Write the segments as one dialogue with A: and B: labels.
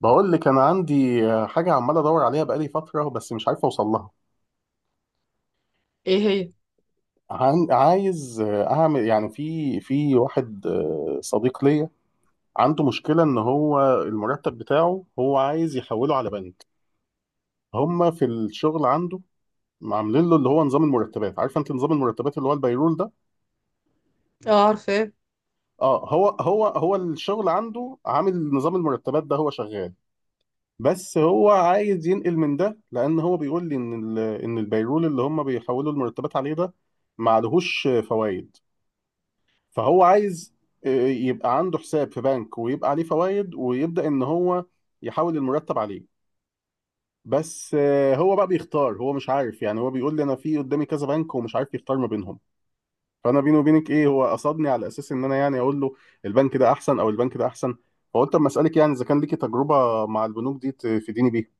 A: بقول لك انا عندي حاجه عمال ادور عليها بقالي فتره، بس مش عارف اوصل لها.
B: ايه هي؟
A: عايز اعمل يعني في واحد صديق ليا. عنده مشكله ان هو المرتب بتاعه، هو عايز يحوله على بنك. هم في الشغل عنده عاملين له اللي هو نظام المرتبات. عارفه انت نظام المرتبات اللي هو البيرول ده؟
B: اه، عارفاه.
A: اه، هو الشغل عنده عامل نظام المرتبات ده، هو شغال. بس هو عايز ينقل من ده، لان هو بيقول لي ان ان البيرول اللي هم بيحولوا المرتبات عليه ده ما عليهوش فوائد. فهو عايز يبقى عنده حساب في بنك، ويبقى عليه فوائد، ويبدا ان هو يحول المرتب عليه. بس هو بقى بيختار، هو مش عارف يعني. هو بيقول لي انا في قدامي كذا بنك ومش عارف يختار ما بينهم. فانا بيني وبينك، ايه، هو قصدني على اساس ان انا يعني اقول له البنك ده احسن او البنك ده احسن. فقلت اما اسالك، يعني اذا كان ليكي تجربه مع البنوك دي تفيديني بيها.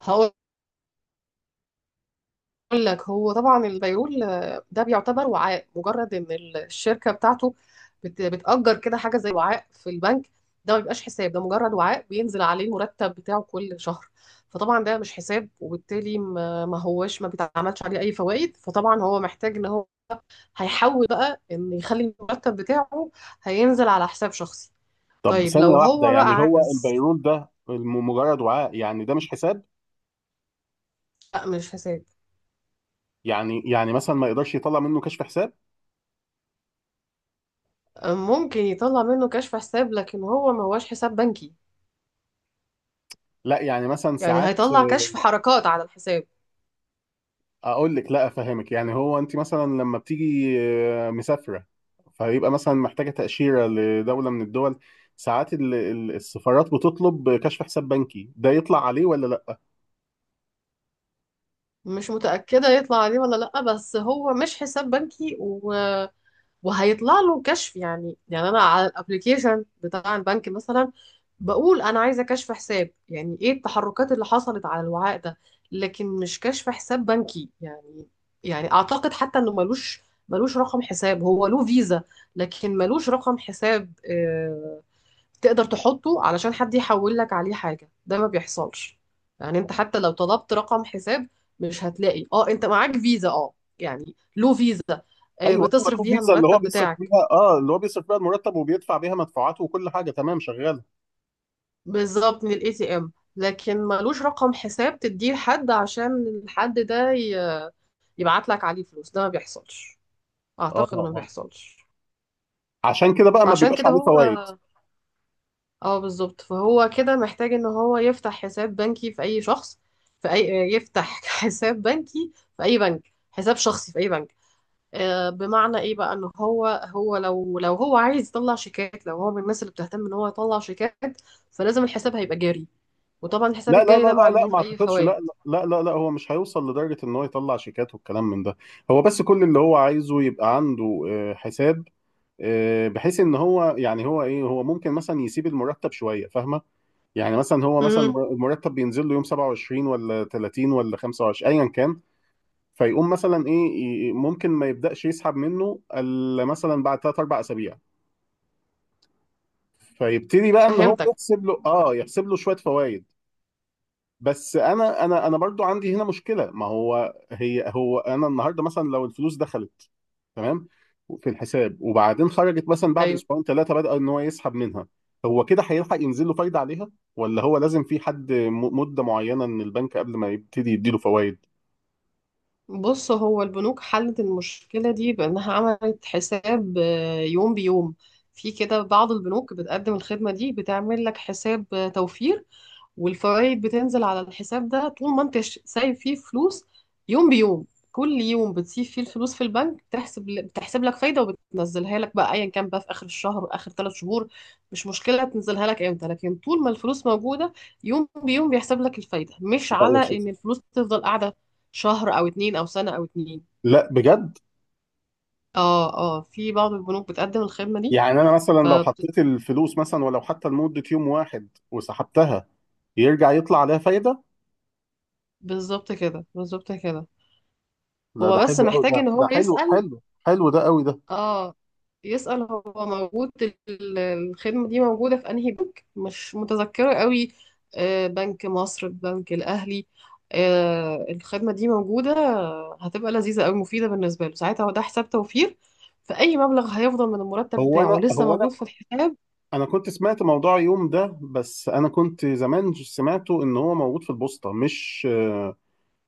B: هقول لك هو طبعا البيرول ده بيعتبر وعاء مجرد ان الشركه بتاعته بتأجر كده حاجه زي وعاء في البنك. ده ما بيبقاش حساب، ده مجرد وعاء بينزل عليه المرتب بتاعه كل شهر. فطبعا ده مش حساب، وبالتالي ما هوش ما بيتعملش عليه اي فوائد. فطبعا هو محتاج ان هو هيحول بقى ان يخلي المرتب بتاعه هينزل على حساب شخصي.
A: طب
B: طيب
A: ثانية
B: لو
A: واحدة،
B: هو بقى
A: يعني هو
B: عايز،
A: البيرول ده مجرد وعاء، يعني ده مش حساب؟
B: لا مش حساب.
A: يعني مثلا ما يقدرش يطلع منه كشف حساب؟
B: ممكن يطلع منه كشف حساب لكن هو ما هوش حساب بنكي.
A: لا يعني مثلا
B: يعني
A: ساعات.
B: هيطلع كشف حركات على الحساب.
A: اقول لك، لا افهمك، يعني هو انت مثلا لما بتيجي مسافرة، فيبقى مثلا محتاجة تأشيرة لدولة من الدول. ساعات السفارات بتطلب كشف حساب بنكي، ده يطلع عليه ولا لا؟
B: مش متأكدة يطلع عليه ولا لأ، بس هو مش حساب بنكي و... وهيطلع له كشف. يعني أنا على الابليكيشن بتاع البنك مثلا بقول أنا عايزة كشف حساب، يعني إيه التحركات اللي حصلت على الوعاء ده، لكن مش كشف حساب بنكي يعني. يعني أعتقد حتى إنه ملوش رقم حساب. هو له فيزا لكن ملوش رقم حساب تقدر تحطه علشان حد يحول لك عليه حاجة، ده ما بيحصلش. يعني انت حتى لو طلبت رقم حساب مش هتلاقي. اه، انت معاك فيزا، اه، يعني له فيزا
A: ايوه ايوه،
B: بتصرف
A: له
B: بيها
A: فيزا اللي هو
B: المرتب
A: بيصرف
B: بتاعك،
A: بيها، اه، اللي هو بيصرف بيها المرتب وبيدفع بيها مدفوعاته وكل حاجة، تمام، شغالة.
B: بالظبط، من الاي تي ام. لكن ملوش رقم حساب تديه لحد عشان الحد ده يبعت لك عليه فلوس، ده ما بيحصلش.
A: اه
B: اعتقد انه ما
A: اه،
B: بيحصلش.
A: عشان كده بقى ما
B: فعشان
A: بيبقاش
B: كده
A: عليه
B: هو،
A: فوائد.
B: اه بالظبط، فهو كده محتاج ان هو يفتح حساب بنكي في اي شخص، في اي يفتح حساب بنكي في اي بنك، حساب شخصي في اي بنك. بمعنى ايه بقى، ان هو لو هو عايز يطلع شيكات، لو هو من الناس اللي بتهتم ان هو يطلع شيكات، فلازم الحساب هيبقى جاري، وطبعا الحساب
A: لا لا
B: الجاري
A: لا
B: ده ما
A: لا لا،
B: عليهوش
A: ما
B: اي
A: اعتقدش، لا.
B: فوائد.
A: لا لا لا، هو مش هيوصل لدرجة ان هو يطلع شيكات والكلام من ده. هو بس كل اللي هو عايزه يبقى عنده حساب. بحيث ان هو، يعني هو ايه، هو ممكن مثلا يسيب المرتب شوية، فاهمة؟ يعني مثلا هو مثلا
B: امم
A: المرتب بينزل له يوم 27 ولا 30 ولا 25 ايا كان. فيقوم مثلا ايه، ممكن ما يبدأش يسحب منه الا مثلا بعد 3 4 اسابيع. فيبتدي بقى ان هو
B: فهمتك.
A: يحسب له شوية فوائد. بس انا برضو عندي هنا مشكله. ما هو هي هو انا النهارده مثلا لو الفلوس دخلت، تمام، في الحساب، وبعدين خرجت مثلا بعد
B: ايوه،
A: اسبوعين ثلاثه بدأ ان هو يسحب منها، هو كده هيلحق ينزل له فايده عليها؟ ولا هو لازم في حد مده معينه من البنك قبل ما يبتدي يديله فوائد؟
B: بص، هو البنوك حلت المشكلة دي بأنها عملت حساب يوم بيوم. في كده بعض البنوك بتقدم الخدمة دي، بتعمل لك حساب توفير، والفوائد بتنزل على الحساب ده طول ما انت سايب فيه فلوس، يوم بيوم. كل يوم بتسيب فيه الفلوس في البنك بتحسب لك فايدة، وبتنزلها لك بقى ايا كان بقى في اخر الشهر واخر ثلاث شهور. مش مشكلة تنزلها لك امتى، لكن طول ما الفلوس موجودة يوم بيوم بيحسب لك الفايدة، مش
A: لا يا
B: على
A: شيخ.
B: ان الفلوس تفضل قاعدة شهر او اتنين او سنة او اتنين.
A: لا بجد؟
B: اه اه، في بعض البنوك بتقدم الخدمة دي.
A: يعني انا مثلا
B: ف
A: لو حطيت الفلوس مثلا، ولو حتى لمده يوم واحد وسحبتها، يرجع يطلع عليها فايده؟
B: بالظبط كده، بالظبط كده.
A: لا،
B: هو
A: ده
B: بس
A: حلو قوي.
B: محتاج
A: ده
B: ان هو
A: ده حلو
B: يسأل،
A: حلو حلو، ده قوي ده.
B: اه، هو موجود، الخدمة دي موجودة في انهي بنك. مش متذكرة قوي، بنك مصر، البنك الأهلي الخدمة دي موجودة. هتبقى لذيذة قوي، مفيدة بالنسبة له، ساعتها هو ده حساب توفير، فأي مبلغ هيفضل من المرتب
A: هو
B: بتاعه
A: انا
B: لسه
A: هو
B: موجود في الحساب.
A: انا كنت سمعت موضوع يوم ده، بس انا كنت زمان سمعته ان هو موجود في البوسطه، مش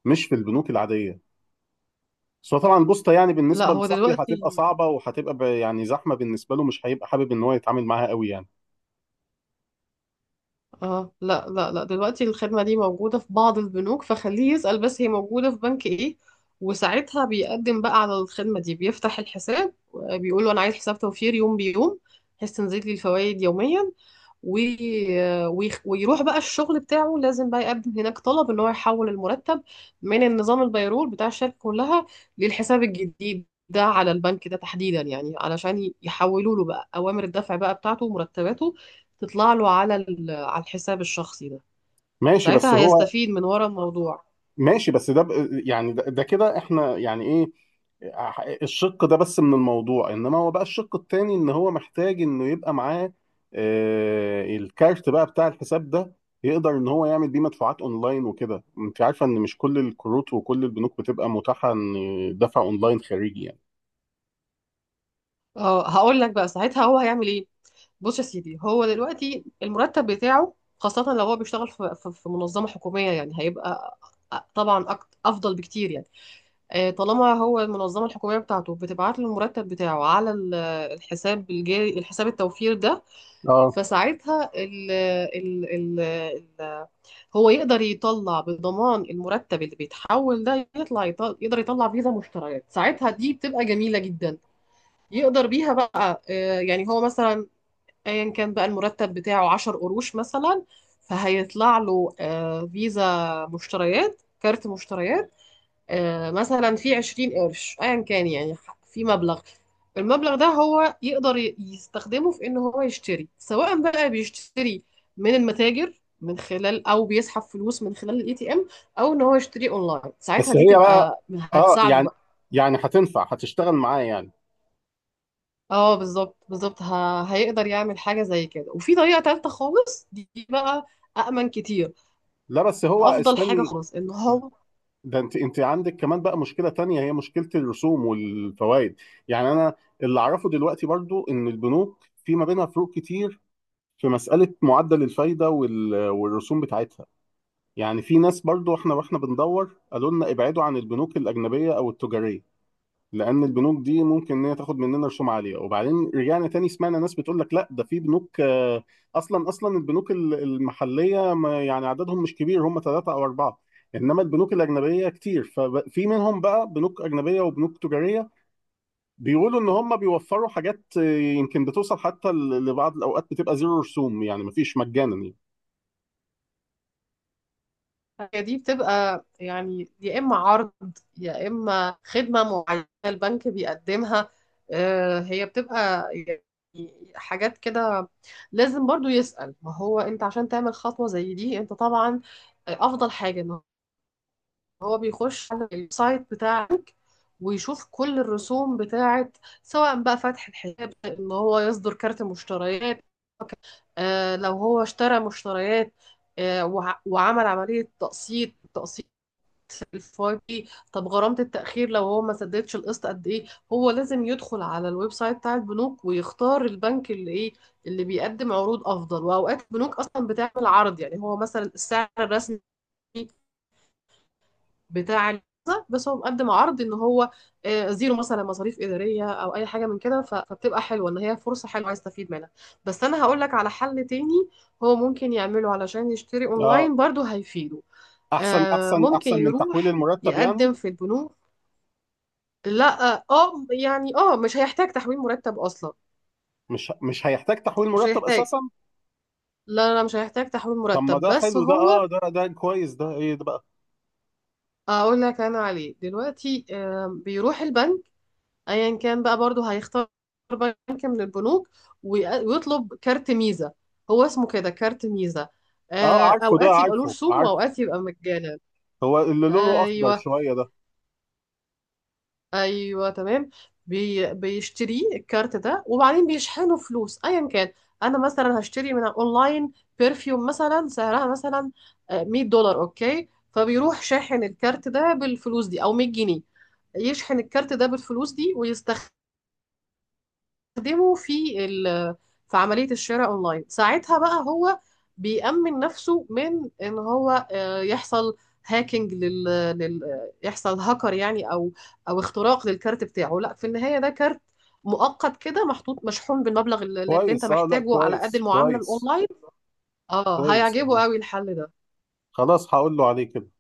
A: مش في البنوك العاديه. بس هو طبعا البوسطه يعني
B: لا
A: بالنسبه
B: هو
A: لصاحبي
B: دلوقتي،
A: هتبقى صعبه، وهتبقى يعني زحمه بالنسبه له، مش هيبقى حابب ان هو يتعامل معاها قوي يعني.
B: اه، لا لا لا، دلوقتي الخدمة دي موجودة في بعض البنوك، فخليه يسأل بس هي موجودة في بنك ايه، وساعتها بيقدم بقى على الخدمة دي، بيفتح الحساب بيقول له انا عايز حساب توفير يوم بيوم، بحيث تنزل لي الفوائد يوميا. ويروح بقى الشغل بتاعه، لازم بقى يقدم هناك طلب ان هو يحول المرتب من النظام البيرول بتاع الشركة كلها للحساب الجديد ده على البنك ده تحديدا، يعني علشان يحولوا له بقى اوامر الدفع بقى بتاعته ومرتباته تطلع له على الحساب الشخصي ده.
A: ماشي بس
B: ساعتها
A: هو.
B: هيستفيد من ورا الموضوع.
A: ماشي، بس ده يعني ده كده احنا يعني ايه الشق ده بس من الموضوع، انما هو بقى الشق التاني، ان هو محتاج انه يبقى معاه الكارت بقى بتاع الحساب ده، يقدر ان هو يعمل بيه مدفوعات اونلاين وكده. انت عارفة ان مش كل الكروت وكل البنوك بتبقى متاحة ان دفع اونلاين خارجي يعني.
B: اه، هقول لك بقى ساعتها هو هيعمل ايه. بص يا سيدي، هو دلوقتي المرتب بتاعه، خاصة لو هو بيشتغل في منظمة حكومية، يعني هيبقى طبعا افضل بكتير يعني. طالما هو المنظمة الحكومية بتاعته بتبعت له المرتب بتاعه على الحساب الجاري، الحساب التوفير ده،
A: اه،
B: فساعتها ال ال ال ال هو يقدر يطلع بضمان المرتب اللي بيتحول ده، يطلع يطل يقدر يطلع فيزا مشتريات. ساعتها دي بتبقى جميلة جدا، يقدر بيها بقى يعني هو مثلا، ايا كان بقى المرتب بتاعه 10 قروش مثلا، فهيطلع له فيزا مشتريات، كارت مشتريات مثلا في 20 قرش ايا كان يعني، في مبلغ. المبلغ ده هو يقدر يستخدمه في ان هو يشتري، سواء بقى بيشتري من المتاجر من خلال، او بيسحب فلوس من خلال الاي تي ام، او ان هو يشتري اونلاين. ساعتها
A: بس
B: دي
A: هي بقى.
B: تبقى
A: اه،
B: هتساعده
A: يعني،
B: بقى.
A: يعني هتنفع، هتشتغل معاه يعني؟
B: اه بالظبط بالظبط، هيقدر يعمل حاجه زي كده. وفي طريقه تالته خالص دي بقى، أأمن كتير،
A: لا بس، هو،
B: أفضل حاجة
A: استني.
B: خالص إن هو،
A: ده انت عندك كمان بقى مشكله تانية، هي مشكله الرسوم والفوائد. يعني انا اللي اعرفه دلوقتي برضو، ان البنوك في ما بينها فروق كتير في مساله معدل الفايده والرسوم بتاعتها. يعني في ناس، برضو احنا واحنا بندور، قالوا لنا ابعدوا عن البنوك الاجنبيه او التجاريه، لان البنوك دي ممكن ان هي تاخد مننا رسوم عاليه. وبعدين رجعنا تاني سمعنا ناس بتقول لك لا، ده في بنوك اصلا اصلا البنوك المحليه يعني عددهم مش كبير، هم ثلاثه او اربعه. انما البنوك الاجنبيه كتير، ففي منهم بقى بنوك اجنبيه وبنوك تجاريه، بيقولوا ان هم بيوفروا حاجات يمكن بتوصل حتى لبعض الاوقات بتبقى زيرو رسوم، يعني مفيش، مجانا يعني.
B: هي دي بتبقى يعني يا إما عرض يا إما خدمة معينة البنك بيقدمها هي بتبقى يعني حاجات كده. لازم برضو يسأل، ما هو أنت عشان تعمل خطوة زي دي أنت طبعا أفضل حاجة إن هو بيخش على السايت بتاعك ويشوف كل الرسوم بتاعت، سواء بقى فتح الحساب، إن هو يصدر كارت مشتريات لو هو اشترى مشتريات وعمل عملية تقسيط، التقسيط الفاي بي. طب غرامة التأخير لو هو ما سددش القسط قد ايه. هو لازم يدخل على الويب سايت بتاع البنوك ويختار البنك اللي ايه، اللي بيقدم عروض افضل. واوقات البنوك اصلا بتعمل عرض، يعني هو مثلا السعر الرسمي بتاع الفيزا، بس هو مقدم عرض ان هو زيرو مثلا مصاريف اداريه او اي حاجه من كده، فبتبقى حلوه، ان هي فرصه حلوه عايز استفيد منها. بس انا هقول لك على حل تاني هو ممكن يعمله علشان يشتري
A: اه،
B: اونلاين، برضو هيفيده.
A: احسن احسن
B: ممكن
A: احسن من تحويل
B: يروح
A: المرتب يعني؟
B: يقدم في البنوك. لا، اه، يعني اه، مش هيحتاج تحويل مرتب اصلا.
A: مش هيحتاج تحويل
B: مش
A: مرتب
B: هيحتاج،
A: اساسا؟
B: لا لا، مش هيحتاج تحويل
A: طب ما
B: مرتب
A: ده
B: بس
A: حلو ده.
B: هو.
A: اه، ده كويس ده. ايه ده بقى؟
B: اقول لك انا عليه دلوقتي، بيروح البنك، ايا كان بقى، برضه هيختار بنك من البنوك ويطلب كارت ميزة. هو اسمه كده كارت ميزة
A: اه عارفه ده،
B: اوقات يبقى له
A: عارفه
B: رسوم
A: عارفه.
B: واوقات يبقى مجانا.
A: هو اللي لونه اخضر
B: ايوه
A: شويه ده؟
B: ايوه تمام. بيشتريه الكارت ده، وبعدين بيشحنوا فلوس ايا كان. انا مثلا هشتري من اونلاين برفيوم مثلا، سعرها مثلا 100 دولار، اوكي، فبيروح شاحن الكارت ده بالفلوس دي، او 100 جنيه يشحن الكارت ده بالفلوس دي ويستخدمه. بيستخدمه في عملية الشراء اونلاين. ساعتها بقى هو بيأمن نفسه من ان هو يحصل هاكينج يحصل هاكر يعني، او او اختراق للكارت بتاعه. لا، في النهاية ده كارت مؤقت كده، محطوط، مشحون بالمبلغ اللي انت
A: كويس، اه. لا،
B: محتاجه، على قد
A: كويس
B: المعاملة
A: كويس.
B: الاونلاين. اه،
A: كويس
B: هيعجبه
A: أوي.
B: قوي الحل ده.
A: خلاص، هقول له عليه كده.